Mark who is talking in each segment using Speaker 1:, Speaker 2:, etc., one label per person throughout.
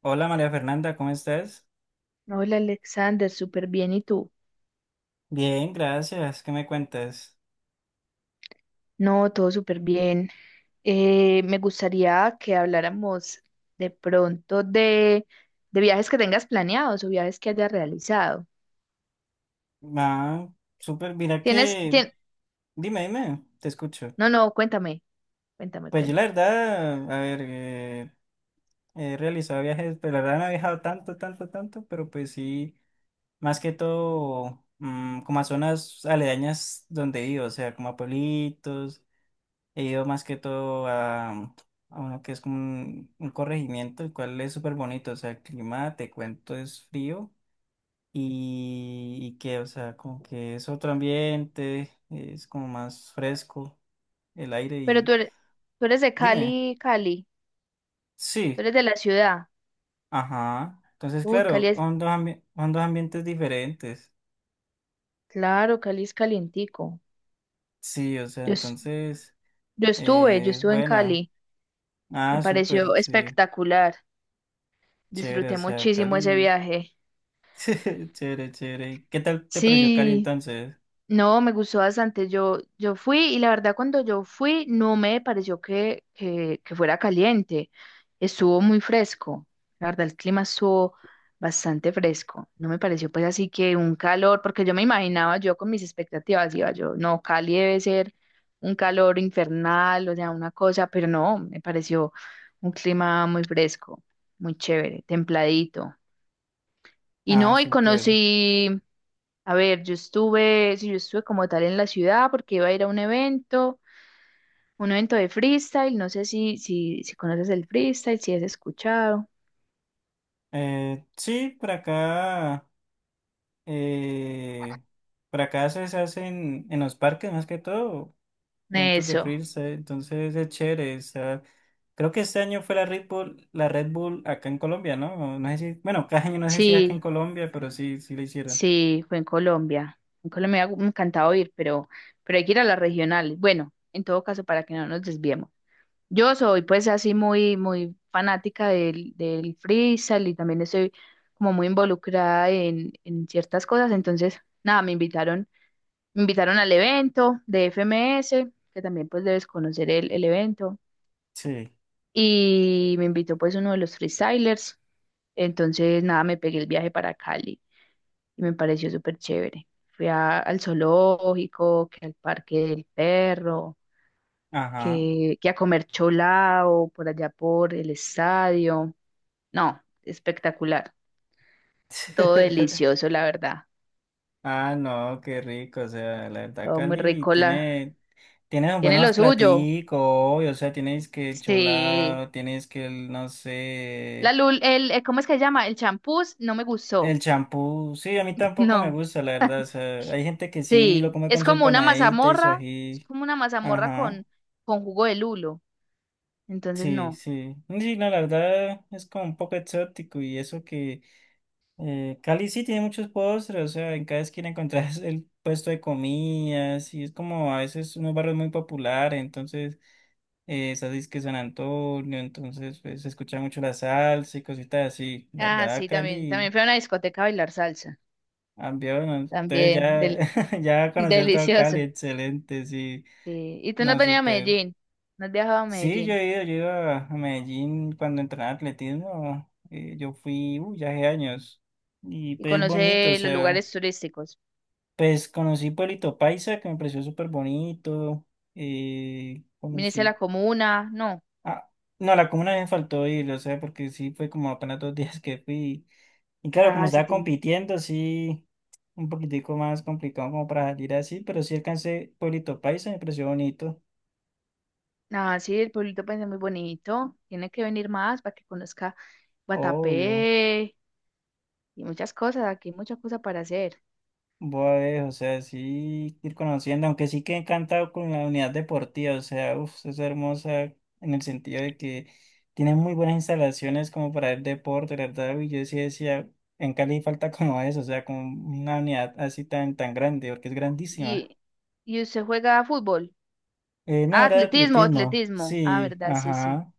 Speaker 1: Hola María Fernanda, ¿cómo estás?
Speaker 2: Hola Alexander, súper bien. ¿Y tú?
Speaker 1: Bien, gracias. ¿Qué me cuentas?
Speaker 2: No, todo súper bien. Me gustaría que habláramos de pronto de viajes que tengas planeados o viajes que hayas realizado.
Speaker 1: Ah, súper. Mira
Speaker 2: ¿Tienes,
Speaker 1: que.
Speaker 2: tien-
Speaker 1: Dime, dime, te escucho.
Speaker 2: No, no, cuéntame, cuéntame,
Speaker 1: Pues yo la
Speaker 2: cuéntame.
Speaker 1: verdad, a ver, he realizado viajes, pero la verdad no he viajado tanto, tanto, tanto, pero pues sí, más que todo como a zonas aledañas donde he ido, o sea, como a pueblitos, he ido más que todo a uno que es como un corregimiento, el cual es súper bonito, o sea, el clima, te cuento, es frío. Y que, o sea, como que es otro ambiente, es como más fresco el aire
Speaker 2: Pero tú
Speaker 1: y.
Speaker 2: eres, tú eres de
Speaker 1: Dime,
Speaker 2: Cali, Cali, tú
Speaker 1: sí,
Speaker 2: eres de la ciudad.
Speaker 1: ajá. Entonces,
Speaker 2: Uy, Cali
Speaker 1: claro,
Speaker 2: es,
Speaker 1: son dos, son dos ambientes diferentes.
Speaker 2: claro, Cali es calientico.
Speaker 1: Sí, o sea,
Speaker 2: Yo, es-
Speaker 1: entonces,
Speaker 2: yo estuve, yo estuve en
Speaker 1: bueno,
Speaker 2: Cali, me
Speaker 1: ah, súper,
Speaker 2: pareció
Speaker 1: sí,
Speaker 2: espectacular.
Speaker 1: chévere, o
Speaker 2: Disfruté
Speaker 1: sea,
Speaker 2: muchísimo ese
Speaker 1: Cali,
Speaker 2: viaje.
Speaker 1: chévere, chévere. ¿Qué tal te pareció Cali
Speaker 2: Sí.
Speaker 1: entonces?
Speaker 2: No, me gustó bastante. Yo fui y la verdad cuando yo fui no me pareció que fuera caliente. Estuvo muy fresco. La verdad el clima estuvo bastante fresco. No me pareció pues así que un calor, porque yo me imaginaba yo con mis expectativas, iba yo, no, Cali debe ser un calor infernal, o sea, una cosa, pero no, me pareció un clima muy fresco, muy chévere, templadito. Y
Speaker 1: Ah,
Speaker 2: no, y
Speaker 1: súper.
Speaker 2: conocí, a ver, yo estuve, sí, yo estuve como tal en la ciudad porque iba a ir a un evento de freestyle, no sé si, si conoces el freestyle, si has escuchado.
Speaker 1: Sí, por acá. Eh, por acá se hacen en los parques más que todo, eventos de
Speaker 2: Eso,
Speaker 1: freestyle, entonces es chévere. Creo que este año fue la Red Bull acá en Colombia, ¿no? No sé si, bueno, cada año no sé si acá en
Speaker 2: sí,
Speaker 1: Colombia, pero sí, sí la hicieron.
Speaker 2: sí, fue en Colombia. En Colombia me encantaba ir, pero hay que ir a las regionales. Bueno, en todo caso, para que no nos desviemos. Yo soy pues así muy, muy fanática del freestyle y también estoy como muy involucrada en ciertas cosas. Entonces, nada, me invitaron al evento de FMS, que también pues debes conocer el evento.
Speaker 1: Sí.
Speaker 2: Y me invitó pues uno de los freestylers. Entonces, nada, me pegué el viaje para Cali y me pareció súper chévere. Fui al zoológico, que al parque del perro
Speaker 1: Ajá.
Speaker 2: que a comer cholao por allá por el estadio. No, espectacular. Todo delicioso, la verdad.
Speaker 1: Ah, no, qué rico, o sea, la verdad,
Speaker 2: Todo muy
Speaker 1: Cali
Speaker 2: rico. La.
Speaker 1: tiene
Speaker 2: Tiene lo
Speaker 1: buenos
Speaker 2: suyo.
Speaker 1: platicos, obvio, o sea, tienes que el
Speaker 2: Sí.
Speaker 1: cholado, tienes que el, no sé.
Speaker 2: La lul, el, ¿Cómo es que se llama? El champús no me gustó.
Speaker 1: El champú, sí, a mí tampoco me
Speaker 2: No.
Speaker 1: gusta, la verdad. O sea, hay gente que sí lo
Speaker 2: Sí.
Speaker 1: come con
Speaker 2: Es
Speaker 1: su
Speaker 2: como una
Speaker 1: empanadita y su
Speaker 2: mazamorra. Es
Speaker 1: ají.
Speaker 2: como una mazamorra
Speaker 1: Ajá,
Speaker 2: con jugo de lulo. Entonces,
Speaker 1: sí,
Speaker 2: no.
Speaker 1: sí. Sí, no, la verdad es como un poco exótico y eso que Cali sí tiene muchos postres, o sea, en cada esquina encontrás el puesto de comidas y es como a veces unos barrios muy populares, entonces esas es que San Antonio, entonces pues, se escucha mucho la salsa y cositas así. La
Speaker 2: Ah,
Speaker 1: verdad,
Speaker 2: sí, también.
Speaker 1: Cali.
Speaker 2: También fue a una discoteca a bailar salsa.
Speaker 1: Ambión, entonces
Speaker 2: También.
Speaker 1: ya,
Speaker 2: del-
Speaker 1: ya conocí a todo Cali,
Speaker 2: delicioso.
Speaker 1: excelente, sí,
Speaker 2: Sí. ¿Y tú no has
Speaker 1: no,
Speaker 2: venido a
Speaker 1: súper.
Speaker 2: Medellín? ¿No has viajado a
Speaker 1: Sí,
Speaker 2: Medellín?
Speaker 1: yo he ido a Medellín cuando entrenaba atletismo, yo fui, uy, ya hace años, y
Speaker 2: ¿Y
Speaker 1: pues bonito, o
Speaker 2: conoces los
Speaker 1: sea,
Speaker 2: lugares turísticos?
Speaker 1: pues conocí Pueblito Paisa, que me pareció súper bonito, eh,
Speaker 2: ¿Viniste a la
Speaker 1: conocí,
Speaker 2: comuna? No.
Speaker 1: ah, no, la comuna me faltó ir, o sea, porque sí, fue como apenas 2 días que fui, y claro, como
Speaker 2: Ah, sí
Speaker 1: estaba
Speaker 2: tiene.
Speaker 1: compitiendo, sí. Un poquitico más complicado como para salir así, pero sí alcancé Pueblito Paisa, me pareció bonito,
Speaker 2: Ah, sí, el pueblito pues es muy bonito. Tiene que venir más para que conozca
Speaker 1: obvio.
Speaker 2: Guatapé y muchas cosas. Aquí hay muchas cosas para hacer.
Speaker 1: Voy a ver, o sea, sí ir conociendo, aunque sí que encantado con la unidad deportiva, o sea, uff, es hermosa en el sentido de que tiene muy buenas instalaciones como para el deporte, la verdad, y yo sí decía, en Cali falta como eso, o sea, como una unidad así tan, tan grande, porque es grandísima.
Speaker 2: Y, y usted juega a fútbol.
Speaker 1: No,
Speaker 2: Ah,
Speaker 1: era
Speaker 2: atletismo,
Speaker 1: atletismo,
Speaker 2: atletismo. Ah,
Speaker 1: sí,
Speaker 2: verdad, sí, sí.
Speaker 1: ajá.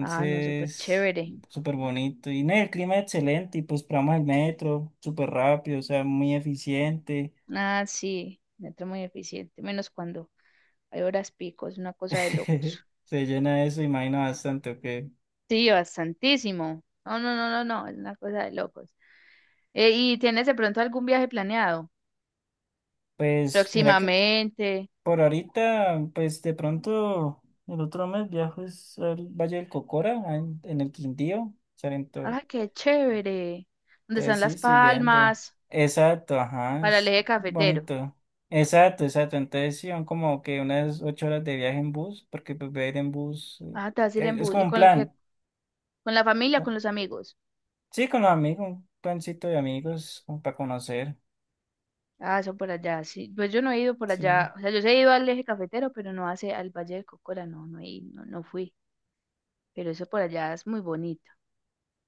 Speaker 2: Ah, no, súper chévere.
Speaker 1: súper bonito. Y no, el clima es excelente. Y pues probamos el metro, súper rápido, o sea, muy eficiente.
Speaker 2: Ah, sí, metro muy eficiente. Menos cuando hay horas pico, es una cosa de locos.
Speaker 1: Se llena eso, imagino bastante, ok.
Speaker 2: Sí, bastantísimo. No, no, no, no, no, es una cosa de locos. ¿Y tienes de pronto algún viaje planeado?
Speaker 1: Pues mira que
Speaker 2: Próximamente.
Speaker 1: por ahorita, pues de pronto el otro mes viajo es al Valle del Cocora, en el Quindío, Salento.
Speaker 2: Ah, qué chévere. ¿Dónde están
Speaker 1: Entonces sí,
Speaker 2: las
Speaker 1: estoy viendo.
Speaker 2: palmas?
Speaker 1: Exacto, ajá,
Speaker 2: Para el
Speaker 1: es
Speaker 2: eje cafetero.
Speaker 1: bonito. Exacto, exacto. Entonces sí, son como que unas 8 horas de viaje en bus, porque pues voy a ir en bus.
Speaker 2: Ah, te vas a ir en
Speaker 1: Que es
Speaker 2: bus.
Speaker 1: como
Speaker 2: ¿Y
Speaker 1: un plan,
Speaker 2: con la familia,
Speaker 1: ¿no?
Speaker 2: con los amigos?
Speaker 1: Sí, con los amigos, un plancito de amigos, como para conocer.
Speaker 2: Ah, eso por allá. Sí, pues yo no he ido por
Speaker 1: Sí,
Speaker 2: allá. O sea, yo sí he ido al eje cafetero, pero no hace al Valle del Cocora. No, no, he ido, no, no fui. Pero eso por allá es muy bonito.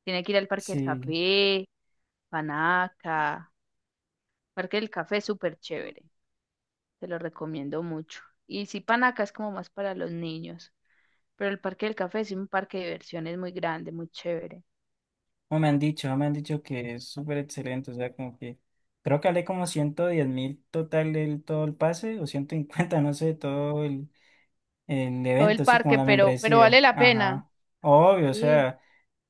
Speaker 2: Tiene que ir al Parque del
Speaker 1: sí.
Speaker 2: Café, Panaca. Parque del Café es súper chévere. Te lo recomiendo mucho. Y sí, Panaca es como más para los niños. Pero el Parque del Café es un parque de diversiones muy grande, muy chévere.
Speaker 1: No me han dicho que es súper excelente. O sea, como que creo que hablé como 110.000 total el, todo el pase, o 150 no sé, todo el
Speaker 2: Todo el
Speaker 1: evento, sí, como
Speaker 2: parque,
Speaker 1: la
Speaker 2: pero vale
Speaker 1: membresía.
Speaker 2: la pena.
Speaker 1: Ajá. Obvio, o
Speaker 2: Sí.
Speaker 1: sea.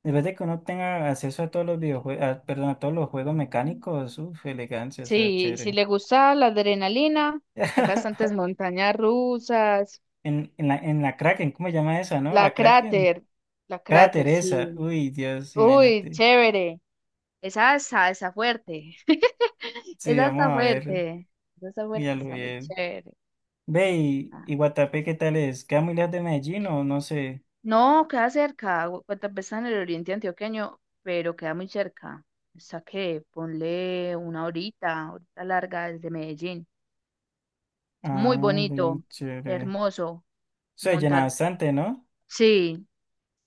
Speaker 1: Después de que uno tenga acceso a todos los videojuegos, perdón, a todos los juegos mecánicos, uff, elegancia, o sea,
Speaker 2: Sí, si
Speaker 1: chévere.
Speaker 2: le gusta la adrenalina, hay bastantes montañas rusas,
Speaker 1: En la Kraken, ¿cómo se llama esa, no?
Speaker 2: la
Speaker 1: La Kraken.
Speaker 2: cráter, la cráter,
Speaker 1: Cráter esa.
Speaker 2: sí.
Speaker 1: Uy, Dios,
Speaker 2: Uy,
Speaker 1: imagínate.
Speaker 2: chévere. Esa está fuerte.
Speaker 1: Sí,
Speaker 2: Esa
Speaker 1: vamos
Speaker 2: está
Speaker 1: a ver.
Speaker 2: fuerte. Esa está fuerte,
Speaker 1: Ya lo
Speaker 2: está muy
Speaker 1: vi.
Speaker 2: chévere.
Speaker 1: Ve,
Speaker 2: Ah.
Speaker 1: y Guatapé, ¿qué tal es? ¿Queda muy lejos de Medellín o no sé?
Speaker 2: No, queda cerca. Guatapé está en el oriente antioqueño, pero queda muy cerca. Está que ponle una horita, horita larga desde Medellín.
Speaker 1: Ah,
Speaker 2: Muy
Speaker 1: ve,
Speaker 2: bonito,
Speaker 1: chévere.
Speaker 2: hermoso
Speaker 1: Se llena
Speaker 2: montar.
Speaker 1: bastante, ¿no?
Speaker 2: Sí,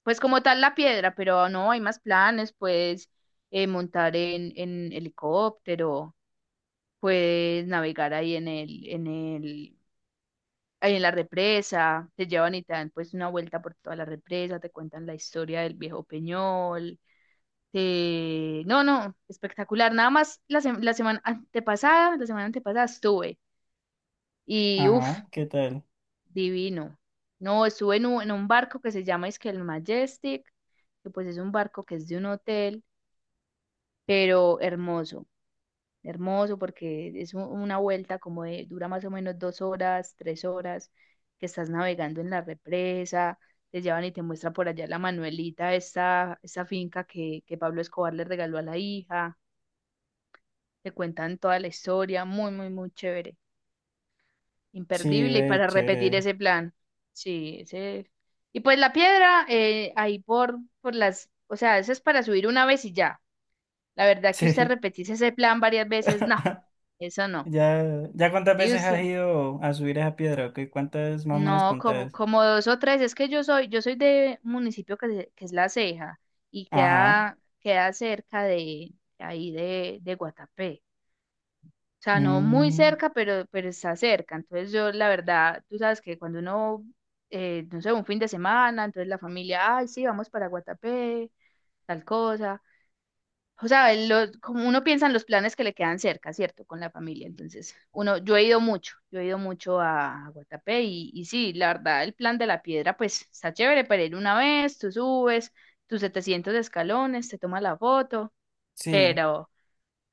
Speaker 2: pues como tal la piedra, pero no hay más planes, puedes montar en helicóptero, puedes navegar ahí ahí en la represa, te llevan y te dan pues una vuelta por toda la represa, te cuentan la historia del viejo Peñol. No, no, espectacular. Nada más la semana antepasada estuve y
Speaker 1: Ajá,
Speaker 2: uff.
Speaker 1: ¿qué tal?
Speaker 2: Divino. No, estuve en un, barco que se llama es que el Majestic, que pues es un barco que es de un hotel, pero hermoso, hermoso porque es una vuelta dura más o menos 2 horas, 3 horas, que estás navegando en la represa, te llevan y te muestra por allá la Manuelita, esa finca que Pablo Escobar le regaló a la hija, te cuentan toda la historia, muy, muy, muy chévere.
Speaker 1: Sí,
Speaker 2: Imperdible y
Speaker 1: ve,
Speaker 2: para repetir
Speaker 1: chévere.
Speaker 2: ese plan. Sí, ese. Y pues la piedra, ahí o sea, eso es para subir una vez y ya. La verdad que usted
Speaker 1: Sí.
Speaker 2: repetís ese plan varias veces, no, eso no.
Speaker 1: Ya, ya cuántas
Speaker 2: Sí,
Speaker 1: veces has
Speaker 2: usted,
Speaker 1: ido a subir esa piedra, ¿ok? ¿Cuántas más o menos
Speaker 2: no, como,
Speaker 1: contás?
Speaker 2: como dos o tres, es que yo soy de un municipio que es La Ceja y
Speaker 1: Ajá.
Speaker 2: queda cerca de ahí de Guatapé. O sea, no muy
Speaker 1: Mm,
Speaker 2: cerca, pero está cerca. Entonces yo, la verdad, tú sabes que cuando uno, no sé, un fin de semana, entonces la familia, ay, sí, vamos para Guatapé, tal cosa. O sea, como uno piensa en los planes que le quedan cerca, ¿cierto? Con la familia. Entonces, yo he ido mucho a Guatapé y sí, la verdad, el plan de la piedra, pues está chévere para ir una vez, tú subes tus 700 escalones, te tomas la foto,
Speaker 1: sí.
Speaker 2: pero,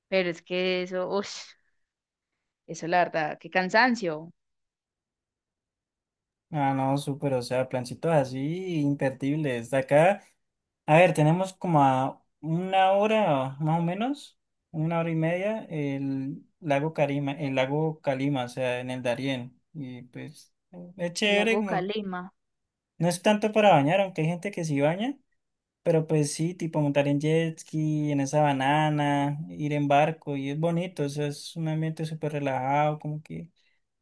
Speaker 2: pero es que eso, uff, eso la verdad, qué cansancio.
Speaker 1: Ah, no, súper, o sea, plancitos así, imperdibles. Acá, a ver, tenemos como a una hora, más o menos, una hora y media, el lago Carima, el lago Calima, o sea, en el Darién. Y pues, es
Speaker 2: El
Speaker 1: chévere,
Speaker 2: lago
Speaker 1: como,
Speaker 2: Calima.
Speaker 1: no es tanto para bañar, aunque hay gente que sí baña. Pero pues sí, tipo montar en jet ski, en esa banana, ir en barco, y es bonito, eso es un ambiente súper relajado, como que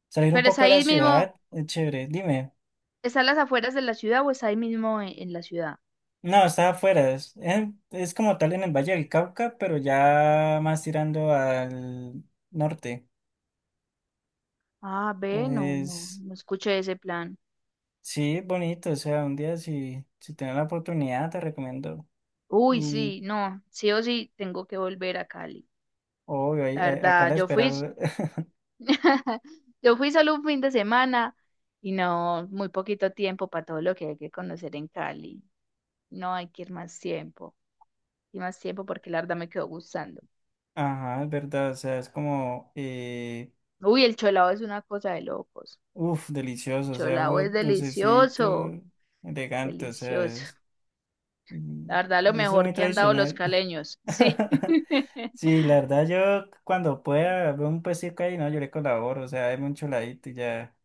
Speaker 1: salir un
Speaker 2: ¿Pero es
Speaker 1: poco de la
Speaker 2: ahí mismo,
Speaker 1: ciudad, es chévere. Dime,
Speaker 2: está a las afueras de la ciudad o es ahí mismo en la ciudad?
Speaker 1: no, está afuera, es, es como tal en el Valle del Cauca, pero ya más tirando al norte.
Speaker 2: Ah, ve, no, no,
Speaker 1: Entonces,
Speaker 2: no escuché ese plan.
Speaker 1: sí, es bonito, o sea, un día si tienes la oportunidad, te recomiendo.
Speaker 2: Uy,
Speaker 1: Y
Speaker 2: sí, no, sí o sí tengo que volver a Cali.
Speaker 1: obvio,
Speaker 2: La
Speaker 1: acá la
Speaker 2: verdad,
Speaker 1: espera.
Speaker 2: yo fui solo un fin de semana y no, muy poquito tiempo para todo lo que hay que conocer en Cali. No hay que ir más tiempo, y más tiempo porque la verdad me quedó gustando.
Speaker 1: Ajá, es verdad, o sea, es como
Speaker 2: Uy, el cholao es una cosa de locos.
Speaker 1: uf, delicioso, o sea,
Speaker 2: Cholao
Speaker 1: algo
Speaker 2: es
Speaker 1: dulcecito,
Speaker 2: delicioso,
Speaker 1: elegante, o sea,
Speaker 2: delicioso. La
Speaker 1: y,
Speaker 2: verdad, lo
Speaker 1: eso es
Speaker 2: mejor
Speaker 1: muy
Speaker 2: que han dado los
Speaker 1: tradicional.
Speaker 2: caleños. Sí.
Speaker 1: Sí, la verdad yo cuando pueda veo un puestico ahí, no, yo le colaboro, o sea, hay un choladito y ya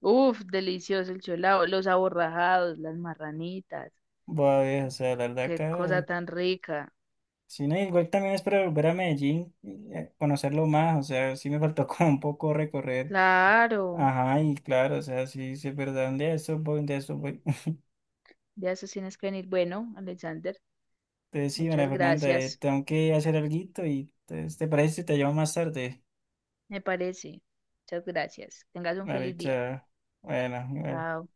Speaker 2: Uf, delicioso el cholao, los aborrajados, las marranitas.
Speaker 1: voy a ver, o sea, la verdad
Speaker 2: Qué
Speaker 1: acá,
Speaker 2: cosa tan rica.
Speaker 1: sí, no, igual también es para volver a Medellín, y, conocerlo más, o sea, sí me faltó como un poco recorrer,
Speaker 2: Claro,
Speaker 1: ajá, y claro, o sea, sí, sí es verdad, un día de estos voy, un día de estos voy.
Speaker 2: ya eso tienes que venir. Bueno, Alexander,
Speaker 1: Entonces, sí, María
Speaker 2: muchas
Speaker 1: Fernanda,
Speaker 2: gracias.
Speaker 1: tengo que hacer alguito y entonces, ¿te parece si te llamo más tarde?
Speaker 2: Me parece. Muchas gracias. Tengas un
Speaker 1: Vale,
Speaker 2: feliz día.
Speaker 1: chao. Bueno, bueno.
Speaker 2: Chao.